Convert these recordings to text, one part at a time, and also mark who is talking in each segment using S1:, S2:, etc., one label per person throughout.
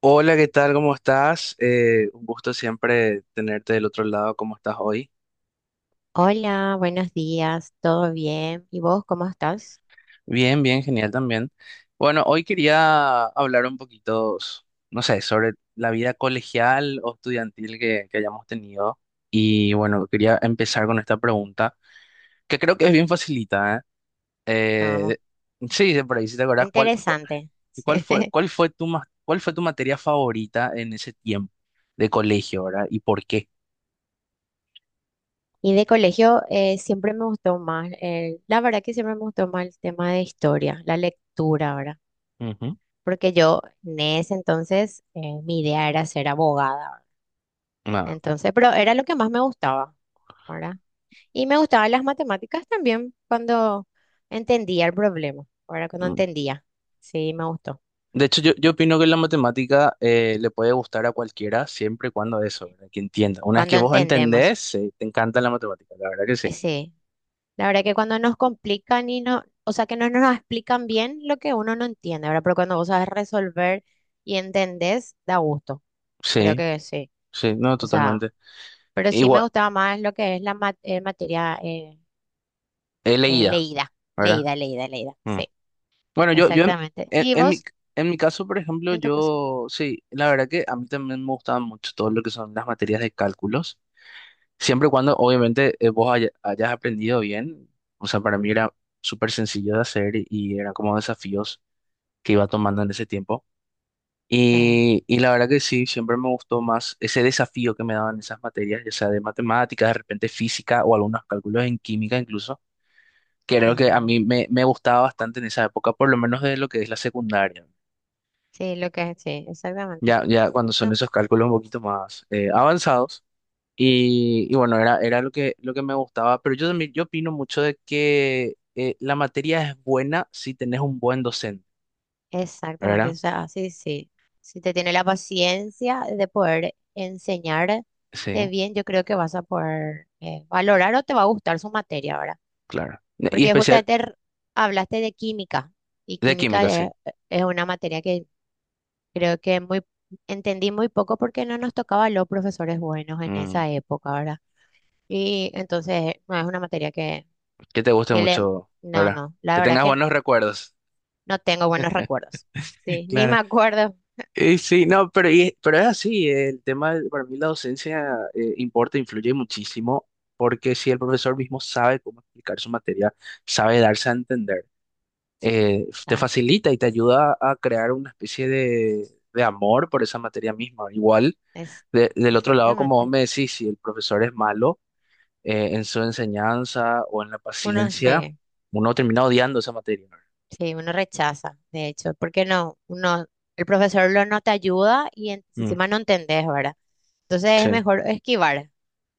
S1: Hola, ¿qué tal? ¿Cómo estás? Un gusto siempre tenerte del otro lado. ¿Cómo estás hoy?
S2: Hola, buenos días, ¿todo bien? ¿Y vos cómo estás?
S1: Bien, bien, genial también. Bueno, hoy quería hablar un poquito, no sé, sobre la vida colegial o estudiantil que hayamos tenido. Y bueno, quería empezar con esta pregunta, que creo que es bien facilita,
S2: Ah,
S1: ¿eh?
S2: vamos,
S1: Eh, sí, de por ahí, si te acordás, ¿cuál, cu-
S2: interesante. Sí.
S1: cuál fue tu, ma- ¿cuál fue tu materia favorita en ese tiempo de colegio, ¿verdad? ¿Y por qué?
S2: Y de colegio siempre me gustó más, la verdad que siempre me gustó más el tema de historia, la lectura, ¿verdad?
S1: Ujú.
S2: Porque yo en ese entonces mi idea era ser abogada, ¿verdad?
S1: Ah,
S2: Entonces, pero era lo que más me gustaba, ¿verdad? Y me gustaban las matemáticas también cuando entendía el problema, ¿verdad? Cuando
S1: mm.
S2: entendía, sí, me gustó.
S1: De hecho, yo opino que la matemática le puede gustar a cualquiera siempre y cuando eso, ¿verdad? Que entienda. Una vez que
S2: Cuando
S1: vos
S2: entendemos,
S1: entendés, sí, te encanta la matemática, la verdad que sí.
S2: sí. La verdad que cuando nos complican y no, o sea, que no nos explican bien lo que uno no entiende, ¿verdad? Pero cuando vos sabes resolver y entendés, da gusto. Creo
S1: Sí,
S2: que sí.
S1: sí, no,
S2: O sea,
S1: totalmente.
S2: pero sí me
S1: Igual,
S2: gustaba más lo que es materia
S1: he leído,
S2: leída,
S1: ¿verdad?
S2: leída.
S1: Mm.
S2: Sí,
S1: Bueno, yo
S2: exactamente.
S1: en-
S2: ¿Y
S1: en mi,
S2: vos,
S1: en mi caso, por ejemplo,
S2: en tu caso?
S1: yo, sí, la verdad que a mí también me gustaban mucho todo lo que son las materias de cálculos, siempre y cuando, obviamente, hayas aprendido bien. O sea, para mí era súper sencillo de hacer y eran como desafíos que iba tomando en ese tiempo.
S2: Eh,
S1: Y la verdad que sí, siempre me gustó más ese desafío que me daban esas materias, ya sea de matemáticas, de repente física o algunos cálculos en química incluso, que era lo que a
S2: ah,
S1: mí me gustaba bastante en esa época, por lo menos de lo que es la secundaria.
S2: sí, lo que es, sí, exactamente.
S1: Ya cuando son esos cálculos un poquito más avanzados. Y bueno, era lo que me gustaba, pero yo también yo opino mucho de que la materia es buena si tenés un buen docente,
S2: Exactamente, o
S1: ¿verdad?
S2: sea, sí, sí. Si te tiene la paciencia de poder enseñarte
S1: Sí,
S2: bien, yo creo que vas a poder valorar o te va a gustar su materia ahora.
S1: claro. Y
S2: Porque
S1: especial
S2: justamente hablaste de química y
S1: de química, sí.
S2: es una materia que creo que muy entendí muy poco porque no nos tocaba los profesores buenos en
S1: Mm.
S2: esa época, ¿verdad? Y entonces no es una materia que,
S1: Que te guste
S2: que le...
S1: mucho,
S2: No,
S1: ¿verdad?
S2: no, la
S1: Que
S2: verdad
S1: tengas
S2: que no.
S1: buenos recuerdos.
S2: No tengo buenos recuerdos. Sí, ni
S1: Claro.
S2: me acuerdo.
S1: Y sí, no, pero, pero es así, el tema, para mí la docencia importa, influye muchísimo, porque si el profesor mismo sabe cómo explicar su materia, sabe darse a entender, te
S2: Claro.
S1: facilita y te ayuda a crear una especie de amor por esa materia misma. Igual,
S2: Es,
S1: del otro lado, como vos
S2: exactamente.
S1: me decís, si el profesor es malo en su enseñanza o en la
S2: Uno
S1: paciencia,
S2: se,
S1: uno termina odiando esa materia.
S2: sí, uno rechaza, de hecho, porque no, uno, el profesor lo no te ayuda y
S1: Mm,
S2: encima no entendés, ¿verdad? Entonces es
S1: sí.
S2: mejor esquivar.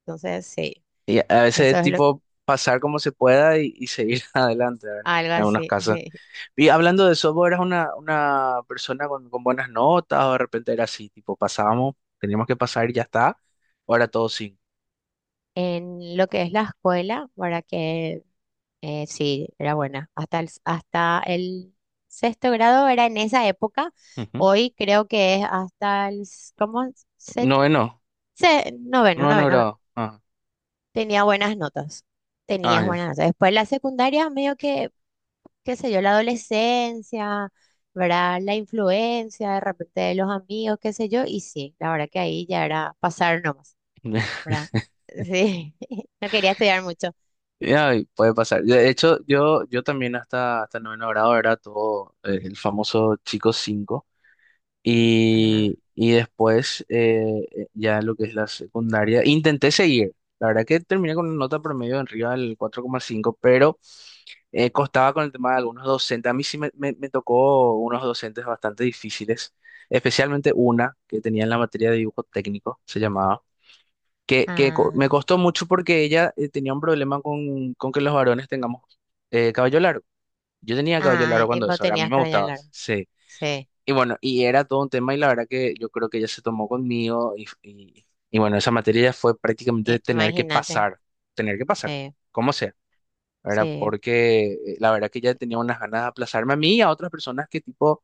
S2: Entonces, sí,
S1: Y a
S2: eso
S1: veces
S2: es lo,
S1: tipo pasar como se pueda y seguir adelante, ¿verdad?
S2: algo
S1: En algunos
S2: así,
S1: casos.
S2: sí.
S1: Y hablando de eso, ¿vos eras una persona con buenas notas o de repente era así, tipo pasábamos, teníamos que pasar y ya está? ¿O era todo cinco?
S2: En lo que es la escuela, para que sí, era buena. Hasta el sexto grado era en esa época.
S1: Ujú.
S2: Hoy creo que es ¿cómo? Se,
S1: Noveno,
S2: noveno,
S1: noveno
S2: noveno.
S1: grado. Ah,
S2: Tenía buenas notas,
S1: ah,
S2: tenías
S1: ya.
S2: buenas notas. Después la secundaria, medio que, qué sé yo, la adolescencia, ¿verdad? La influencia de repente de los amigos, qué sé yo, y sí, la verdad que ahí ya era pasar nomás, ¿verdad? Sí, no quería estudiar mucho.
S1: Ya, y puede pasar. De hecho, yo también hasta, hasta noveno grado era todo el famoso chico cinco.
S2: Ah,
S1: Y después, ya lo que es la secundaria, intenté seguir. La verdad que terminé con una nota promedio en arriba del cuatro coma cinco, pero costaba con el tema de algunos docentes. A mí sí me tocó unos docentes bastante difíciles, especialmente una que tenía en la materia de dibujo técnico, se llamaba, que me
S2: ah,
S1: costó mucho porque ella tenía un problema con que los varones tengamos cabello largo. Yo tenía cabello
S2: ah,
S1: largo
S2: ¿y
S1: cuando
S2: vos
S1: eso, ahora a mí
S2: tenías
S1: me
S2: cabello
S1: gustaba,
S2: largo?
S1: sí.
S2: Sí,
S1: Y bueno, y era todo un tema y la verdad que yo creo que ella se tomó conmigo y bueno, esa materia ya fue prácticamente
S2: i- imagínate,
S1: tener que pasar,
S2: sí,
S1: como sea, ¿verdad?
S2: sí.
S1: Porque la verdad que ella tenía unas ganas de aplazarme a mí y a otras personas que tipo,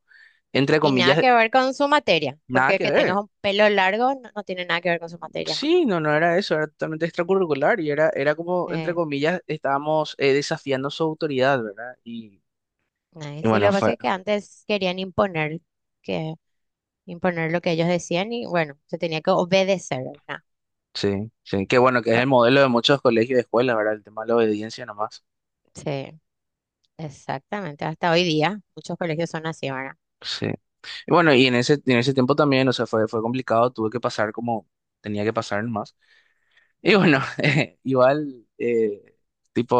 S1: entre
S2: Y nada
S1: comillas,
S2: que ver con su materia,
S1: nada
S2: porque
S1: que
S2: que tengas
S1: ver.
S2: un pelo largo no, no tiene nada que ver con su materia.
S1: Sí, no, no era eso, era totalmente extracurricular y era, era como, entre
S2: eh.
S1: comillas, estábamos desafiando su autoridad, ¿verdad?
S2: Ay,
S1: Y
S2: sí, lo
S1: bueno,
S2: que pasa
S1: fue,
S2: es que antes querían imponer que imponer lo que ellos decían y bueno, se tenía que obedecer, ¿verdad?
S1: sí, sí, qué bueno que es el
S2: Co-
S1: modelo de muchos colegios y escuelas, ¿verdad? El tema de la obediencia nomás.
S2: Sí, exactamente. Hasta hoy día muchos colegios son así, ¿verdad?
S1: Sí. Y bueno, y en ese tiempo también, o sea, fue, fue complicado, tuve que pasar como tenía que pasar más. Y bueno,
S2: Ujú.
S1: igual,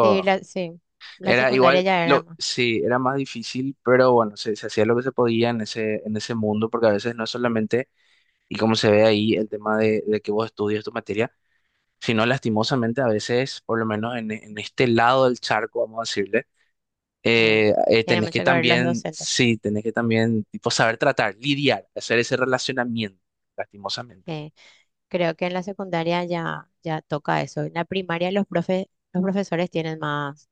S2: Sí, sí, la
S1: era
S2: secundaria
S1: igual,
S2: ya era
S1: lo,
S2: más.
S1: sí, era más difícil, pero bueno, se hacía lo que se podía en ese mundo, porque a veces no es solamente, y como se ve ahí, el tema de que vos estudias tu materia, sino lastimosamente a veces, por lo menos en este lado del charco, vamos a decirle
S2: eh, Tiene
S1: tenés que
S2: mucho que ver los
S1: también,
S2: docentes.
S1: sí, tenés que también, tipo, saber tratar, lidiar, hacer ese relacionamiento, lastimosamente.
S2: Que creo que en la secundaria ya, ya toca eso. En la primaria los profesores tienen más,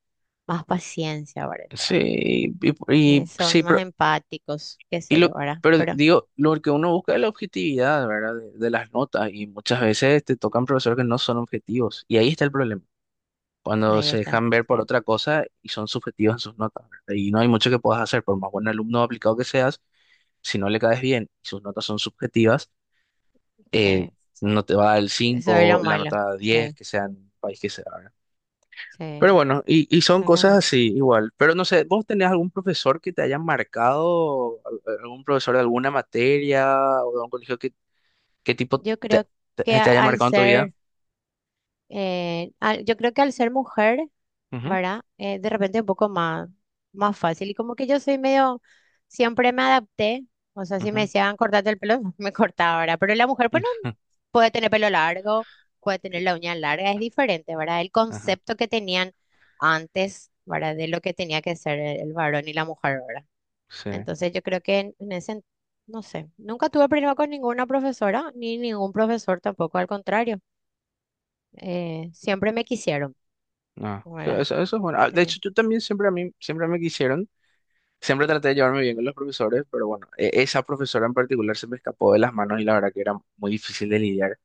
S2: más paciencia, parece,
S1: Sí,
S2: ¿verdad?
S1: sí,
S2: Son más
S1: pero,
S2: empáticos, qué
S1: y
S2: sé yo,
S1: lo,
S2: ¿verdad?
S1: pero
S2: Pero
S1: digo, lo que uno busca es la objetividad, ¿verdad? De las notas y muchas veces te tocan profesores que no son objetivos y ahí está el problema, cuando
S2: ahí
S1: se
S2: está.
S1: dejan ver por otra cosa y son subjetivos en sus notas, ¿verdad? Y no hay mucho que puedas hacer, por más buen alumno aplicado que seas, si no le caes bien y sus notas son subjetivas,
S2: Sí,
S1: eh,
S2: sí.
S1: no te va a dar el
S2: Eso es lo
S1: 5 la
S2: malo.
S1: nota diez
S2: Sí,
S1: que sea en el país que sea, ¿verdad? Pero
S2: sí,
S1: bueno, y son
S2: eso es lo
S1: cosas
S2: malo.
S1: así igual. Pero no sé, ¿vos tenés algún profesor que te haya marcado, algún profesor de alguna materia o de algún colegio que tipo
S2: Yo
S1: te,
S2: creo
S1: te,
S2: que
S1: te haya marcado en tu vida?
S2: yo creo que al ser mujer,
S1: Ujú,
S2: ¿verdad? De repente un poco más, más fácil. Y como que yo soy medio, siempre me adapté. O sea, si me
S1: ujú.
S2: decían cortarte el pelo, me cortaba, ¿verdad? Pero la mujer, pues no puede tener pelo largo, puede
S1: Sí,
S2: tener la uña larga, es diferente, ¿verdad? El
S1: Ajá,
S2: concepto que tenían antes, ¿verdad? De lo que tenía que ser el varón y la mujer, ¿verdad?
S1: sí,
S2: Entonces yo creo que en ese, no sé, nunca tuve problema con ninguna profesora, ni ningún profesor tampoco, al contrario, siempre me quisieron,
S1: no, eso,
S2: ¿verdad?
S1: eso es bueno. Ah, de
S2: Sí,
S1: hecho, yo también siempre a mí, siempre me quisieron, siempre traté de llevarme bien con los profesores, pero bueno, esa profesora en particular se me escapó de las manos y la verdad que era muy difícil de lidiar.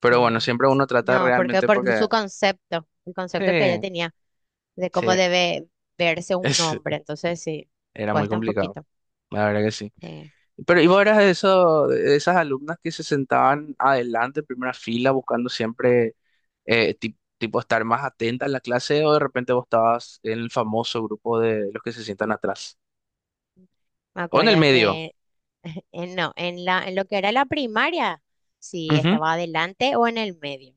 S1: Pero
S2: sí.
S1: bueno, siempre uno trata
S2: No, porque
S1: realmente
S2: por
S1: porque
S2: su concepto, el concepto que ella
S1: eh,
S2: tenía de
S1: sí,
S2: cómo debe verse un
S1: es,
S2: hombre, entonces sí,
S1: era muy
S2: cuesta un
S1: complicado,
S2: poquito.
S1: la verdad que sí.
S2: Sí.
S1: Pero ¿y vos eras de eso, de esas alumnas que se sentaban adelante, en primera fila, buscando siempre tipo estar más atenta en la clase o de repente vos estabas en el famoso grupo de los que se sientan atrás?
S2: Me
S1: ¿O en
S2: acuerdo
S1: el medio?
S2: que, no, en lo que era la primaria, sí,
S1: Ujú.
S2: estaba adelante o en el medio.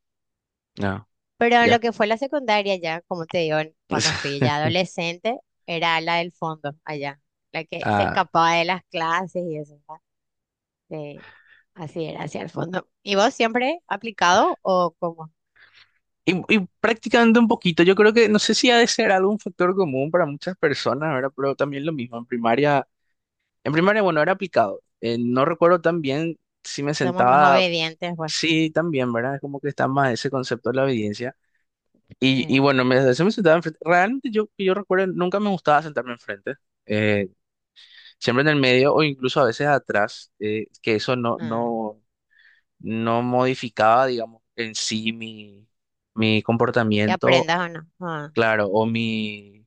S1: No,
S2: Pero en lo
S1: ya.
S2: que fue la secundaria ya, como te digo, cuando fui ya adolescente, era la del fondo allá, la que se
S1: Ah,
S2: escapaba de las clases y eso, ¿verdad? Sí, así era, hacia el fondo. ¿Y vos siempre aplicado o cómo?
S1: y practicando un poquito, yo creo que no sé si ha de ser algún factor común para muchas personas, ¿verdad? Pero también lo mismo, en primaria. En primaria, bueno, era aplicado. No recuerdo tan bien si me
S2: Somos más
S1: sentaba,
S2: obedientes, pues.
S1: sí, también, ¿verdad? Es como que está más ese concepto de la obediencia. Y
S2: Sí.
S1: bueno, me, se me sentaba enfrente. Realmente yo, que yo recuerdo, nunca me gustaba sentarme enfrente. Eh, Siempre en el medio o incluso a veces atrás, que eso no,
S2: Ah,
S1: no, no modificaba, digamos, en sí mi
S2: ¿que
S1: comportamiento,
S2: aprendas o no? Ah,
S1: claro, o mi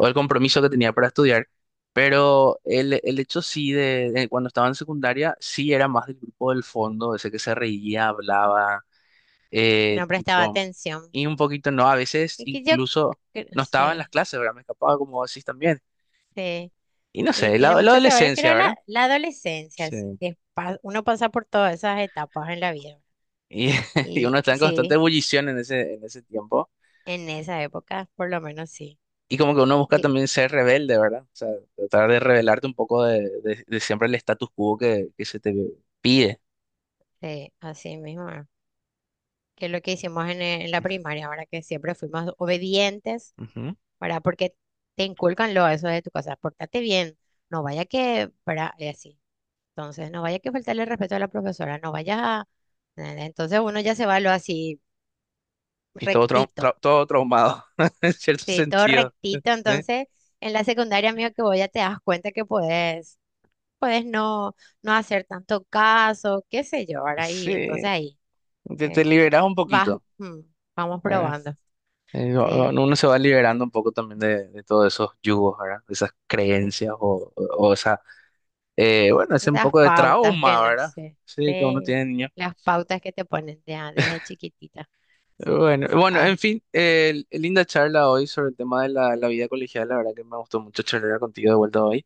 S1: o el compromiso que tenía para estudiar, pero el hecho sí de cuando estaba en secundaria, sí era más del grupo del fondo, ese que se reía, hablaba,
S2: yo
S1: eh,
S2: no prestaba
S1: tipo,
S2: atención.
S1: y un poquito no, a veces
S2: Y que yo,
S1: incluso
S2: que no
S1: no estaba en las
S2: sé,
S1: clases, ¿verdad? Me escapaba como así también.
S2: sí.
S1: Y no
S2: Y
S1: sé,
S2: tiene
S1: la
S2: mucho que ver,
S1: adolescencia,
S2: creo,
S1: ¿verdad?
S2: la adolescencia, así,
S1: Sí.
S2: uno pasa por todas esas etapas en la vida.
S1: Y, y
S2: Y
S1: uno está en constante
S2: sí.
S1: ebullición en ese tiempo.
S2: En esa época, por lo menos sí.
S1: Y como que uno busca
S2: Y
S1: también ser rebelde, ¿verdad? O sea, tratar de rebelarte un poco de, de siempre el status quo que se te pide.
S2: sí así mismo, que es lo que hicimos en la primaria, ahora que siempre fuimos obedientes,
S1: Ujú.
S2: ¿verdad? Porque te inculcan lo eso de tu casa, pórtate bien, no vaya que, ¿verdad? Y así. Entonces, no vaya que faltarle el respeto a la profesora, no vaya a... ¿entendés? Entonces uno ya se va lo así
S1: Y todo,
S2: rectito.
S1: todo traumado, en cierto
S2: Sí, todo
S1: sentido.
S2: rectito.
S1: ¿Eh?
S2: Entonces, en la secundaria, amigo, que voy ya te das cuenta que puedes no, no hacer tanto caso, qué sé yo, ahora ahí.
S1: Sí,
S2: Entonces ahí
S1: te
S2: eh, eh,
S1: liberas un
S2: vas,
S1: poquito,
S2: vamos
S1: ¿verdad?
S2: probando. Sí,
S1: Uno se va liberando un poco también de todos esos yugos, ¿verdad? De esas
S2: sí.
S1: creencias o esa, bueno, ese un
S2: Esas
S1: poco de
S2: pautas que
S1: trauma,
S2: no
S1: ¿verdad?
S2: sé,
S1: Sí, que uno
S2: sí,
S1: tiene de niño.
S2: las pautas que te ponen desde chiquitita.
S1: Bueno, bueno,
S2: Ah,
S1: en fin, linda charla hoy sobre el tema de la, la vida colegial. La verdad que me gustó mucho charlar contigo de vuelta hoy.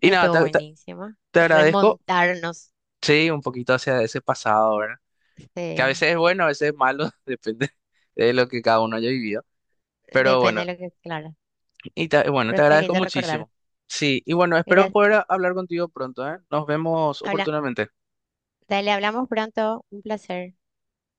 S1: Y nada,
S2: estuvo buenísimo.
S1: te agradezco,
S2: Remontarnos,
S1: sí, un poquito hacia ese pasado, ¿verdad? Que a
S2: sí.
S1: veces es bueno, a veces es malo, depende de lo que cada uno haya vivido. Pero
S2: Depende
S1: bueno,
S2: de lo que, claro.
S1: bueno,
S2: Pero
S1: te
S2: está
S1: agradezco
S2: lindo recordar.
S1: muchísimo. Sí, y bueno, espero
S2: Mira,
S1: poder hablar contigo pronto, ¿eh? Nos vemos
S2: habla,
S1: oportunamente.
S2: dale, hablamos pronto. Un placer.